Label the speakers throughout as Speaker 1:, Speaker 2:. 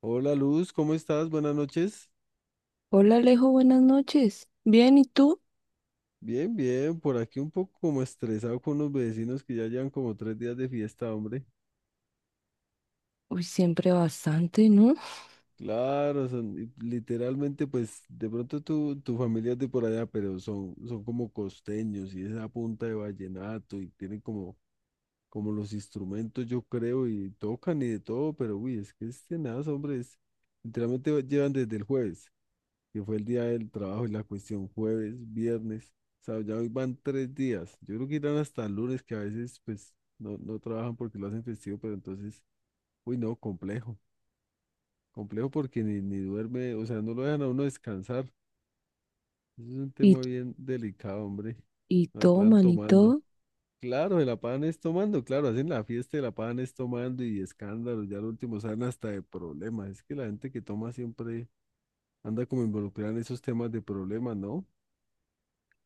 Speaker 1: Hola Luz, ¿cómo estás? Buenas noches.
Speaker 2: Hola Alejo, buenas noches. Bien, ¿y tú?
Speaker 1: Bien, bien, por aquí un poco como estresado con los vecinos que ya llevan como 3 días de fiesta, hombre.
Speaker 2: Uy, siempre bastante, ¿no?
Speaker 1: Claro, son y literalmente, pues de pronto tu familia es de por allá, pero son como costeños y esa punta de vallenato y tienen como los instrumentos, yo creo, y tocan y de todo, pero uy, es que es tenaz, hombre, literalmente llevan desde el jueves, que fue el día del trabajo y la cuestión jueves, viernes, sábado, ya hoy van 3 días. Yo creo que irán hasta el lunes, que a veces pues no, no trabajan porque lo hacen festivo, pero entonces, uy, no, complejo, complejo porque ni duerme, o sea, no lo dejan a uno descansar. Eso es un
Speaker 2: Y,
Speaker 1: tema bien delicado, hombre.
Speaker 2: y
Speaker 1: Se la pagan
Speaker 2: toman y
Speaker 1: tomando.
Speaker 2: todo.
Speaker 1: Claro, se la pagan es tomando, claro, hacen la fiesta y la pagan es tomando y escándalos, ya lo último salen hasta de problemas. Es que la gente que toma siempre anda como involucrada en esos temas de problemas, ¿no?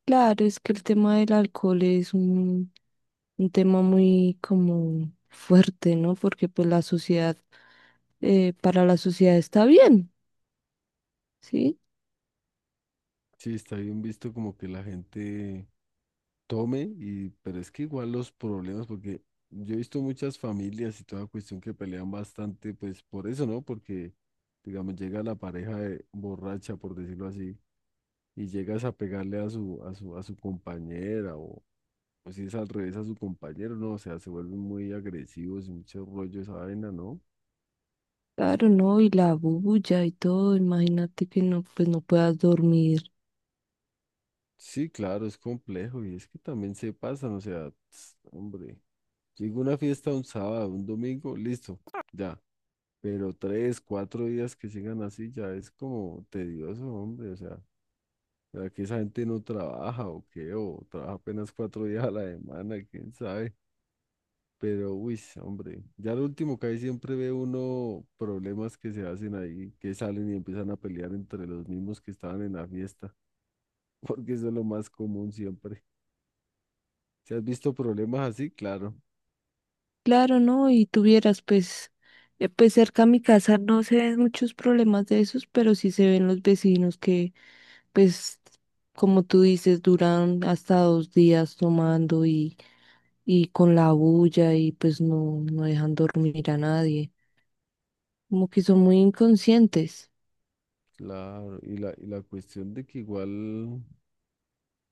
Speaker 2: Claro, es que el tema del alcohol es un tema muy como fuerte, ¿no? Porque pues la sociedad, para la sociedad está bien, ¿sí?
Speaker 1: Sí, está bien visto como que la gente tome y, pero es que igual los problemas, porque yo he visto muchas familias y toda cuestión que pelean bastante, pues por eso, ¿no? Porque, digamos, llega la pareja borracha, por decirlo así, y llegas a pegarle a su compañera, o si es al revés a su compañero, ¿no? O sea, se vuelven muy agresivos y mucho rollo esa vaina, ¿no?
Speaker 2: Claro, ¿no? Y la bulla y todo, imagínate que no, pues no puedas dormir.
Speaker 1: Sí, claro, es complejo y es que también se pasan, o sea, hombre. Llega una fiesta un sábado, un domingo, listo, ya. Pero 3, 4 días que sigan así ya es como tedioso, hombre. O sea, ¿será que esa gente no trabaja o qué? O trabaja apenas 4 días a la semana, quién sabe. Pero, uy, sí, hombre, ya lo último que hay siempre ve uno problemas que se hacen ahí, que salen y empiezan a pelear entre los mismos que estaban en la fiesta, porque eso es lo más común siempre. ¿Si has visto problemas así? Claro,
Speaker 2: Claro, ¿no? Y tuvieras pues... Pues cerca a mi casa no se ven muchos problemas de esos, pero sí se ven los pues, como tú dices, duran hasta 2 días tomando, y con la bulla y pues no dejan dormir a nadie. Como que son muy inconscientes.
Speaker 1: claro. Y la cuestión de que igual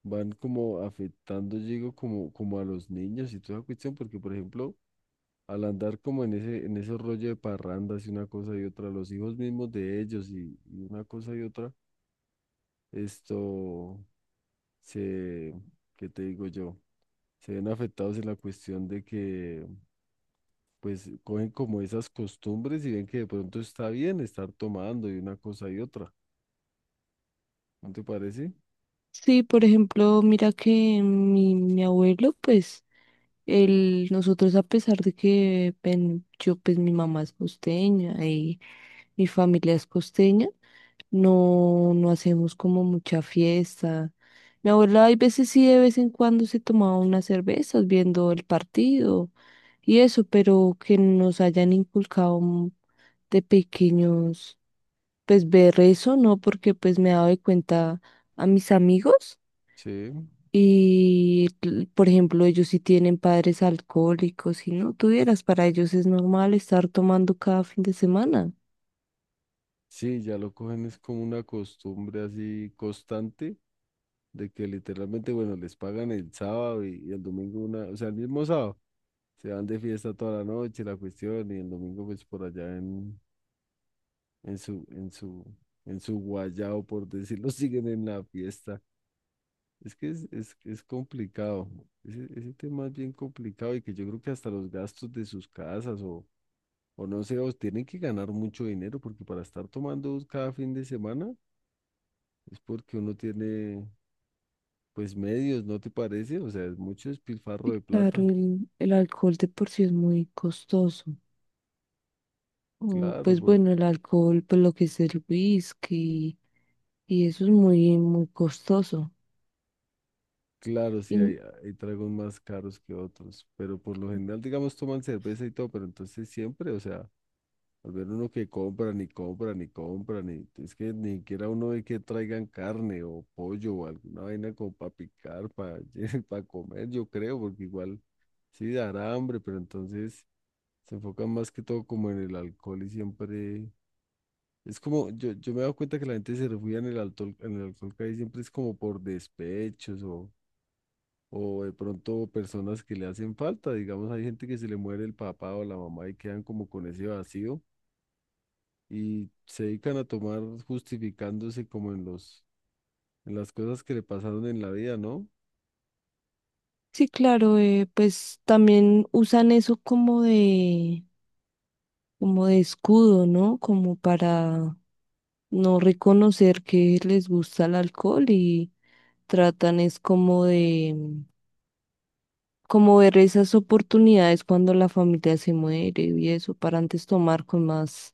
Speaker 1: van como afectando, yo digo, como a los niños y toda esa cuestión, porque por ejemplo, al andar como en ese rollo de parrandas y una cosa y otra, los hijos mismos de ellos y una cosa y otra, esto se, ¿qué te digo yo? Se ven afectados en la cuestión de que pues cogen como esas costumbres y ven que de pronto está bien estar tomando y una cosa y otra. ¿No te parece?
Speaker 2: Sí, por ejemplo, mira que mi abuelo, pues, él, nosotros a pesar de que yo, pues mi mamá es costeña y mi familia es costeña. No, no hacemos como mucha fiesta. Mi abuela hay veces sí, de vez en cuando se tomaba unas cervezas viendo el partido y eso, pero que nos hayan inculcado de pequeños, pues ver eso, ¿no? Porque pues me he dado de cuenta a mis amigos
Speaker 1: Sí,
Speaker 2: y, por ejemplo, ellos sí tienen padres alcohólicos y no tuvieras, para ellos es normal estar tomando cada fin de semana.
Speaker 1: sí, ya lo cogen es como una costumbre así constante de que literalmente, bueno, les pagan el sábado y el domingo una, o sea, el mismo sábado, se van de fiesta toda la noche, la cuestión, y el domingo pues por allá en su, en su, en su guayao, por decirlo, siguen en la fiesta. Es que es complicado, ese tema es bien complicado y que yo creo que hasta los gastos de sus casas o no sé, o tienen que ganar mucho dinero porque para estar tomando cada fin de semana es porque uno tiene, pues medios, ¿no te parece? O sea, es mucho despilfarro
Speaker 2: Sí,
Speaker 1: de
Speaker 2: claro,
Speaker 1: plata.
Speaker 2: el alcohol de por sí es muy costoso. O,
Speaker 1: Claro,
Speaker 2: pues bueno, el alcohol, pues lo que es el whisky, y eso es muy costoso.
Speaker 1: claro, sí,
Speaker 2: Y
Speaker 1: hay tragos más caros que otros, pero por lo general, digamos, toman cerveza y todo, pero entonces siempre, o sea, al ver uno que compra, ni compra, ni compra, ni, es que ni siquiera uno ve que traigan carne o pollo o alguna vaina como para picar, para, para comer, yo creo, porque igual sí dará hambre, pero entonces se enfocan más que todo como en el alcohol y siempre. Es como, yo me he dado cuenta que la gente se refugia en el alcohol casi siempre es como por despechos o de pronto personas que le hacen falta, digamos, hay gente que se le muere el papá o la mamá y quedan como con ese vacío y se dedican a tomar justificándose como en los, en las cosas que le pasaron en la vida, ¿no?
Speaker 2: sí, claro, pues también usan eso como como de escudo, ¿no? Como para no reconocer que les gusta el alcohol y tratan es como ver esas oportunidades cuando la familia se muere y eso, para antes tomar con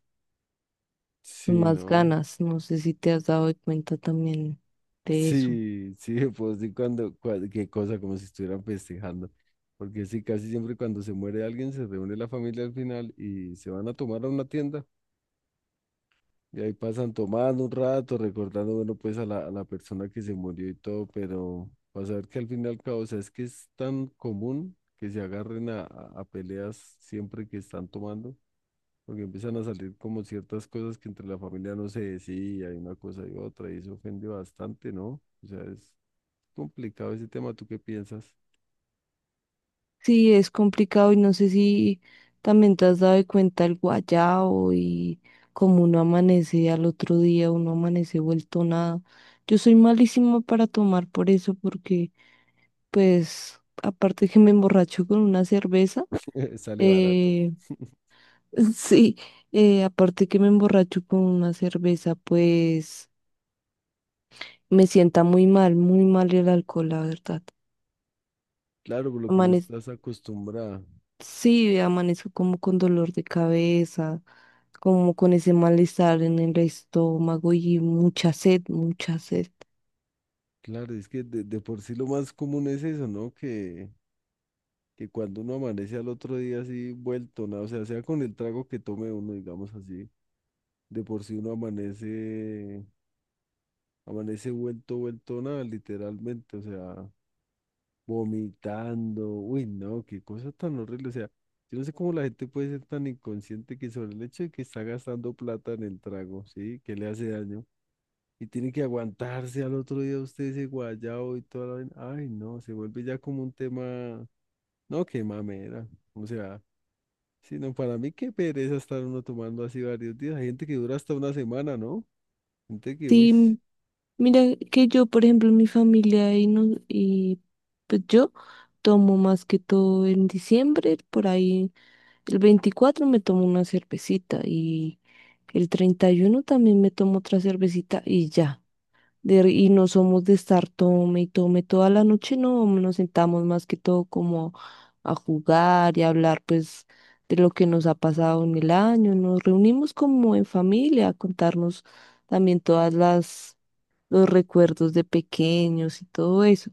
Speaker 1: Sí,
Speaker 2: más
Speaker 1: ¿no?
Speaker 2: ganas. No sé si te has dado cuenta también de eso.
Speaker 1: Sí, sí, pues sí, qué cosa, como si estuvieran festejando. Porque sí, casi siempre cuando se muere alguien se reúne la familia al final y se van a tomar a una tienda y ahí pasan tomando un rato, recordando, bueno, pues a la persona que se murió y todo, pero vas a ver que al fin y al cabo, o sea, es que es tan común que se agarren a peleas siempre que están tomando, porque empiezan a salir como ciertas cosas que entre la familia no se decía, y una cosa y otra, y eso ofende bastante, ¿no? O sea, es complicado ese tema, ¿tú qué piensas?
Speaker 2: Sí, es complicado y no sé si también te has dado cuenta el guayao y como uno amanece al otro día, uno amanece vuelto nada. Yo soy malísima para tomar por eso porque pues aparte que me emborracho con una cerveza,
Speaker 1: Sale barato.
Speaker 2: eh, sí, aparte que me emborracho con una cerveza, pues me sienta muy mal el alcohol, la verdad.
Speaker 1: Claro, por lo que no estás acostumbrada.
Speaker 2: Sí, amanezco como con dolor de cabeza, como con ese malestar en el estómago y mucha sed, mucha sed.
Speaker 1: Claro, es que de por sí lo más común es eso, ¿no? Que cuando uno amanece al otro día así vuelto, nada, o sea, sea con el trago que tome uno, digamos así, de por sí uno amanece, amanece vuelto, vuelto nada, literalmente, o sea, vomitando, uy, no, qué cosa tan horrible, o sea, yo no sé cómo la gente puede ser tan inconsciente que sobre el hecho de que está gastando plata en el trago, ¿sí? Que le hace daño. Y tiene que aguantarse al otro día usted ese guayao y toda la vaina. Ay, no, se vuelve ya como un tema. No, qué mamera. O sea, sino para mí qué pereza estar uno tomando así varios días. Hay gente que dura hasta una semana, ¿no? Gente que, uy,
Speaker 2: Sí, mira que yo, por ejemplo, mi familia y, no, y pues yo tomo más que todo en diciembre, por ahí el 24 me tomo una cervecita y el 31 también me tomo otra cervecita y ya. Y no somos de estar tome y tome toda la noche, no, nos sentamos más que todo como a jugar y a hablar pues de lo que nos ha pasado en el año, nos reunimos como en familia a contarnos también todas las los recuerdos de pequeños y todo eso.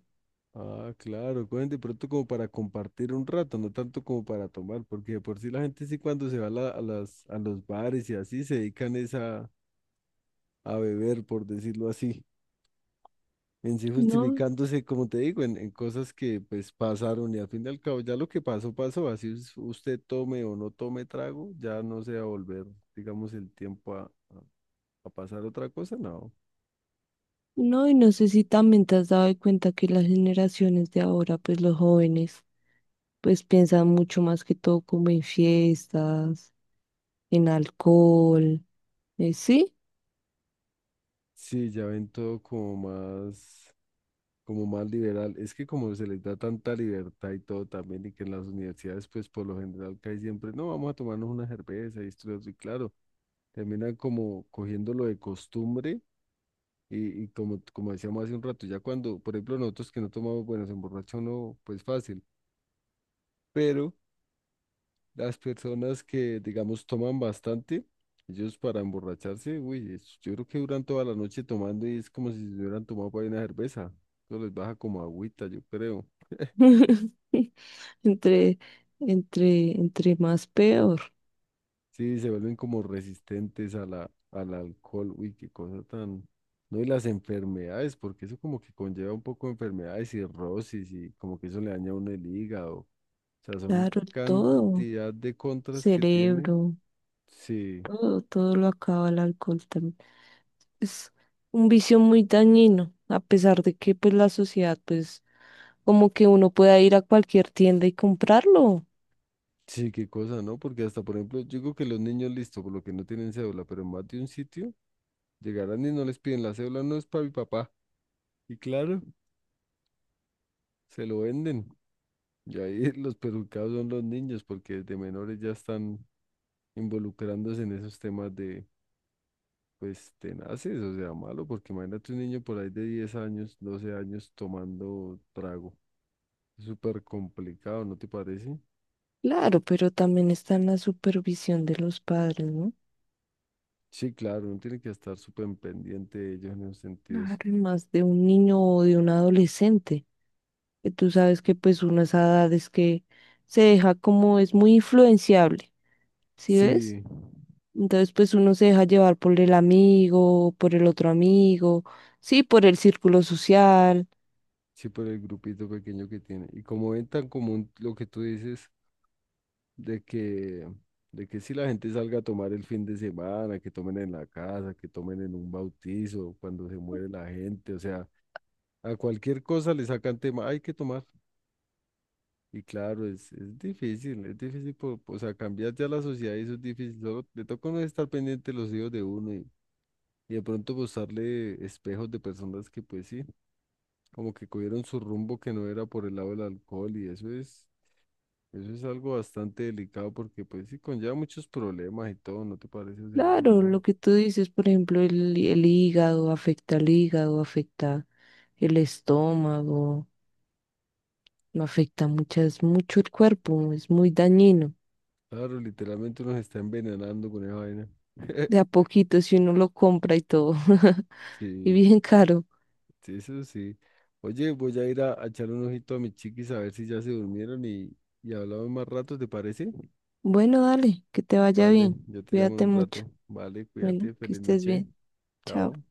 Speaker 1: ah, claro, cogen de pronto como para compartir un rato, no tanto como para tomar, porque de por sí la gente sí cuando se va a, a las, a los bares y así se dedican es a beber, por decirlo así, en sí
Speaker 2: No,
Speaker 1: justificándose, como te digo, en cosas que pues pasaron y al fin y al cabo ya lo que pasó, pasó, así usted tome o no tome trago, ya no se va a volver, digamos, el tiempo a a pasar otra cosa, no.
Speaker 2: no, y no sé si también te has dado de cuenta que las generaciones de ahora, pues los jóvenes, pues piensan mucho más que todo como en fiestas, en alcohol, sí.
Speaker 1: Sí, ya ven todo como más liberal. Es que como se les da tanta libertad y todo también, y que en las universidades, pues por lo general cae siempre, no, vamos a tomarnos una cerveza y esto y lo otro", y claro, terminan como cogiendo lo de costumbre y como, como decíamos hace un rato, ya cuando, por ejemplo, nosotros que no tomamos, bueno, se emborracha uno, pues fácil, pero las personas que, digamos, toman bastante, ellos para emborracharse, uy, yo creo que duran toda la noche tomando y es como si se hubieran tomado para una cerveza. Eso les baja como agüita, yo creo.
Speaker 2: Entre, entre más peor.
Speaker 1: Sí, se vuelven como resistentes a la, al alcohol. Uy, qué cosa tan. No, y las enfermedades, porque eso como que conlleva un poco de enfermedades, cirrosis y como que eso le daña a uno el hígado. O sea, son
Speaker 2: Claro, todo.
Speaker 1: cantidad de contras que tiene.
Speaker 2: Cerebro,
Speaker 1: Sí.
Speaker 2: todo, todo lo acaba el alcohol también. Es un vicio muy dañino, a pesar de que pues la sociedad, pues, como que uno pueda ir a cualquier tienda y comprarlo.
Speaker 1: Sí, qué cosa, ¿no? Porque hasta, por ejemplo, yo digo que los niños, listo, por lo que no tienen cédula, pero en más de un sitio, llegarán y no les piden la cédula, no es para mi papá. Y claro, se lo venden. Y ahí los perjudicados son los niños, porque desde menores ya están involucrándose en esos temas de, pues, tenaces, o sea, malo, porque imagínate un niño por ahí de 10 años, 12 años tomando trago. Es súper complicado, ¿no te parece?
Speaker 2: Claro, pero también está en la supervisión de los padres, ¿no?
Speaker 1: Sí, claro, uno tiene que estar súper pendiente de ellos en esos
Speaker 2: Claro,
Speaker 1: sentidos.
Speaker 2: y más de un niño o de un adolescente. Que tú sabes que pues uno a esa edad es que se deja, como es muy influenciable. ¿Sí ves?
Speaker 1: Sí.
Speaker 2: Entonces, pues uno se deja llevar por el amigo, por el otro amigo, sí, por el círculo social.
Speaker 1: Sí, por el grupito pequeño que tiene. Y como ven tan común lo que tú dices de que, de que si la gente salga a tomar el fin de semana, que tomen en la casa, que tomen en un bautizo, cuando se muere la gente, o sea, a cualquier cosa le sacan tema, hay que tomar. Y claro, es difícil, es difícil, por, o sea, cambiar ya la sociedad y eso es difícil. Solo le toca a uno estar pendiente de los hijos de uno y de pronto postarle espejos de personas que pues sí, como que cogieron su rumbo que no era por el lado del alcohol Eso es algo bastante delicado porque pues sí conlleva muchos problemas y todo, ¿no te parece? O sea, uy,
Speaker 2: Claro,
Speaker 1: no.
Speaker 2: lo que tú dices, por ejemplo, el hígado, afecta al hígado, afecta el estómago, no afecta mucho el cuerpo, es muy dañino.
Speaker 1: Claro, literalmente uno se está envenenando con esa vaina.
Speaker 2: De a poquito, si uno lo compra y todo, y
Speaker 1: Sí,
Speaker 2: bien caro.
Speaker 1: sí, eso sí. Oye, voy a ir a echarle un ojito a mis chiquis a ver si ya se durmieron y hablamos más rato, ¿te parece?
Speaker 2: Bueno, dale, que te vaya
Speaker 1: Vale,
Speaker 2: bien,
Speaker 1: yo te llamo en
Speaker 2: cuídate
Speaker 1: un
Speaker 2: mucho.
Speaker 1: rato. Vale,
Speaker 2: Bueno,
Speaker 1: cuídate,
Speaker 2: que
Speaker 1: feliz
Speaker 2: estés
Speaker 1: noche.
Speaker 2: bien. Chao.
Speaker 1: Chao.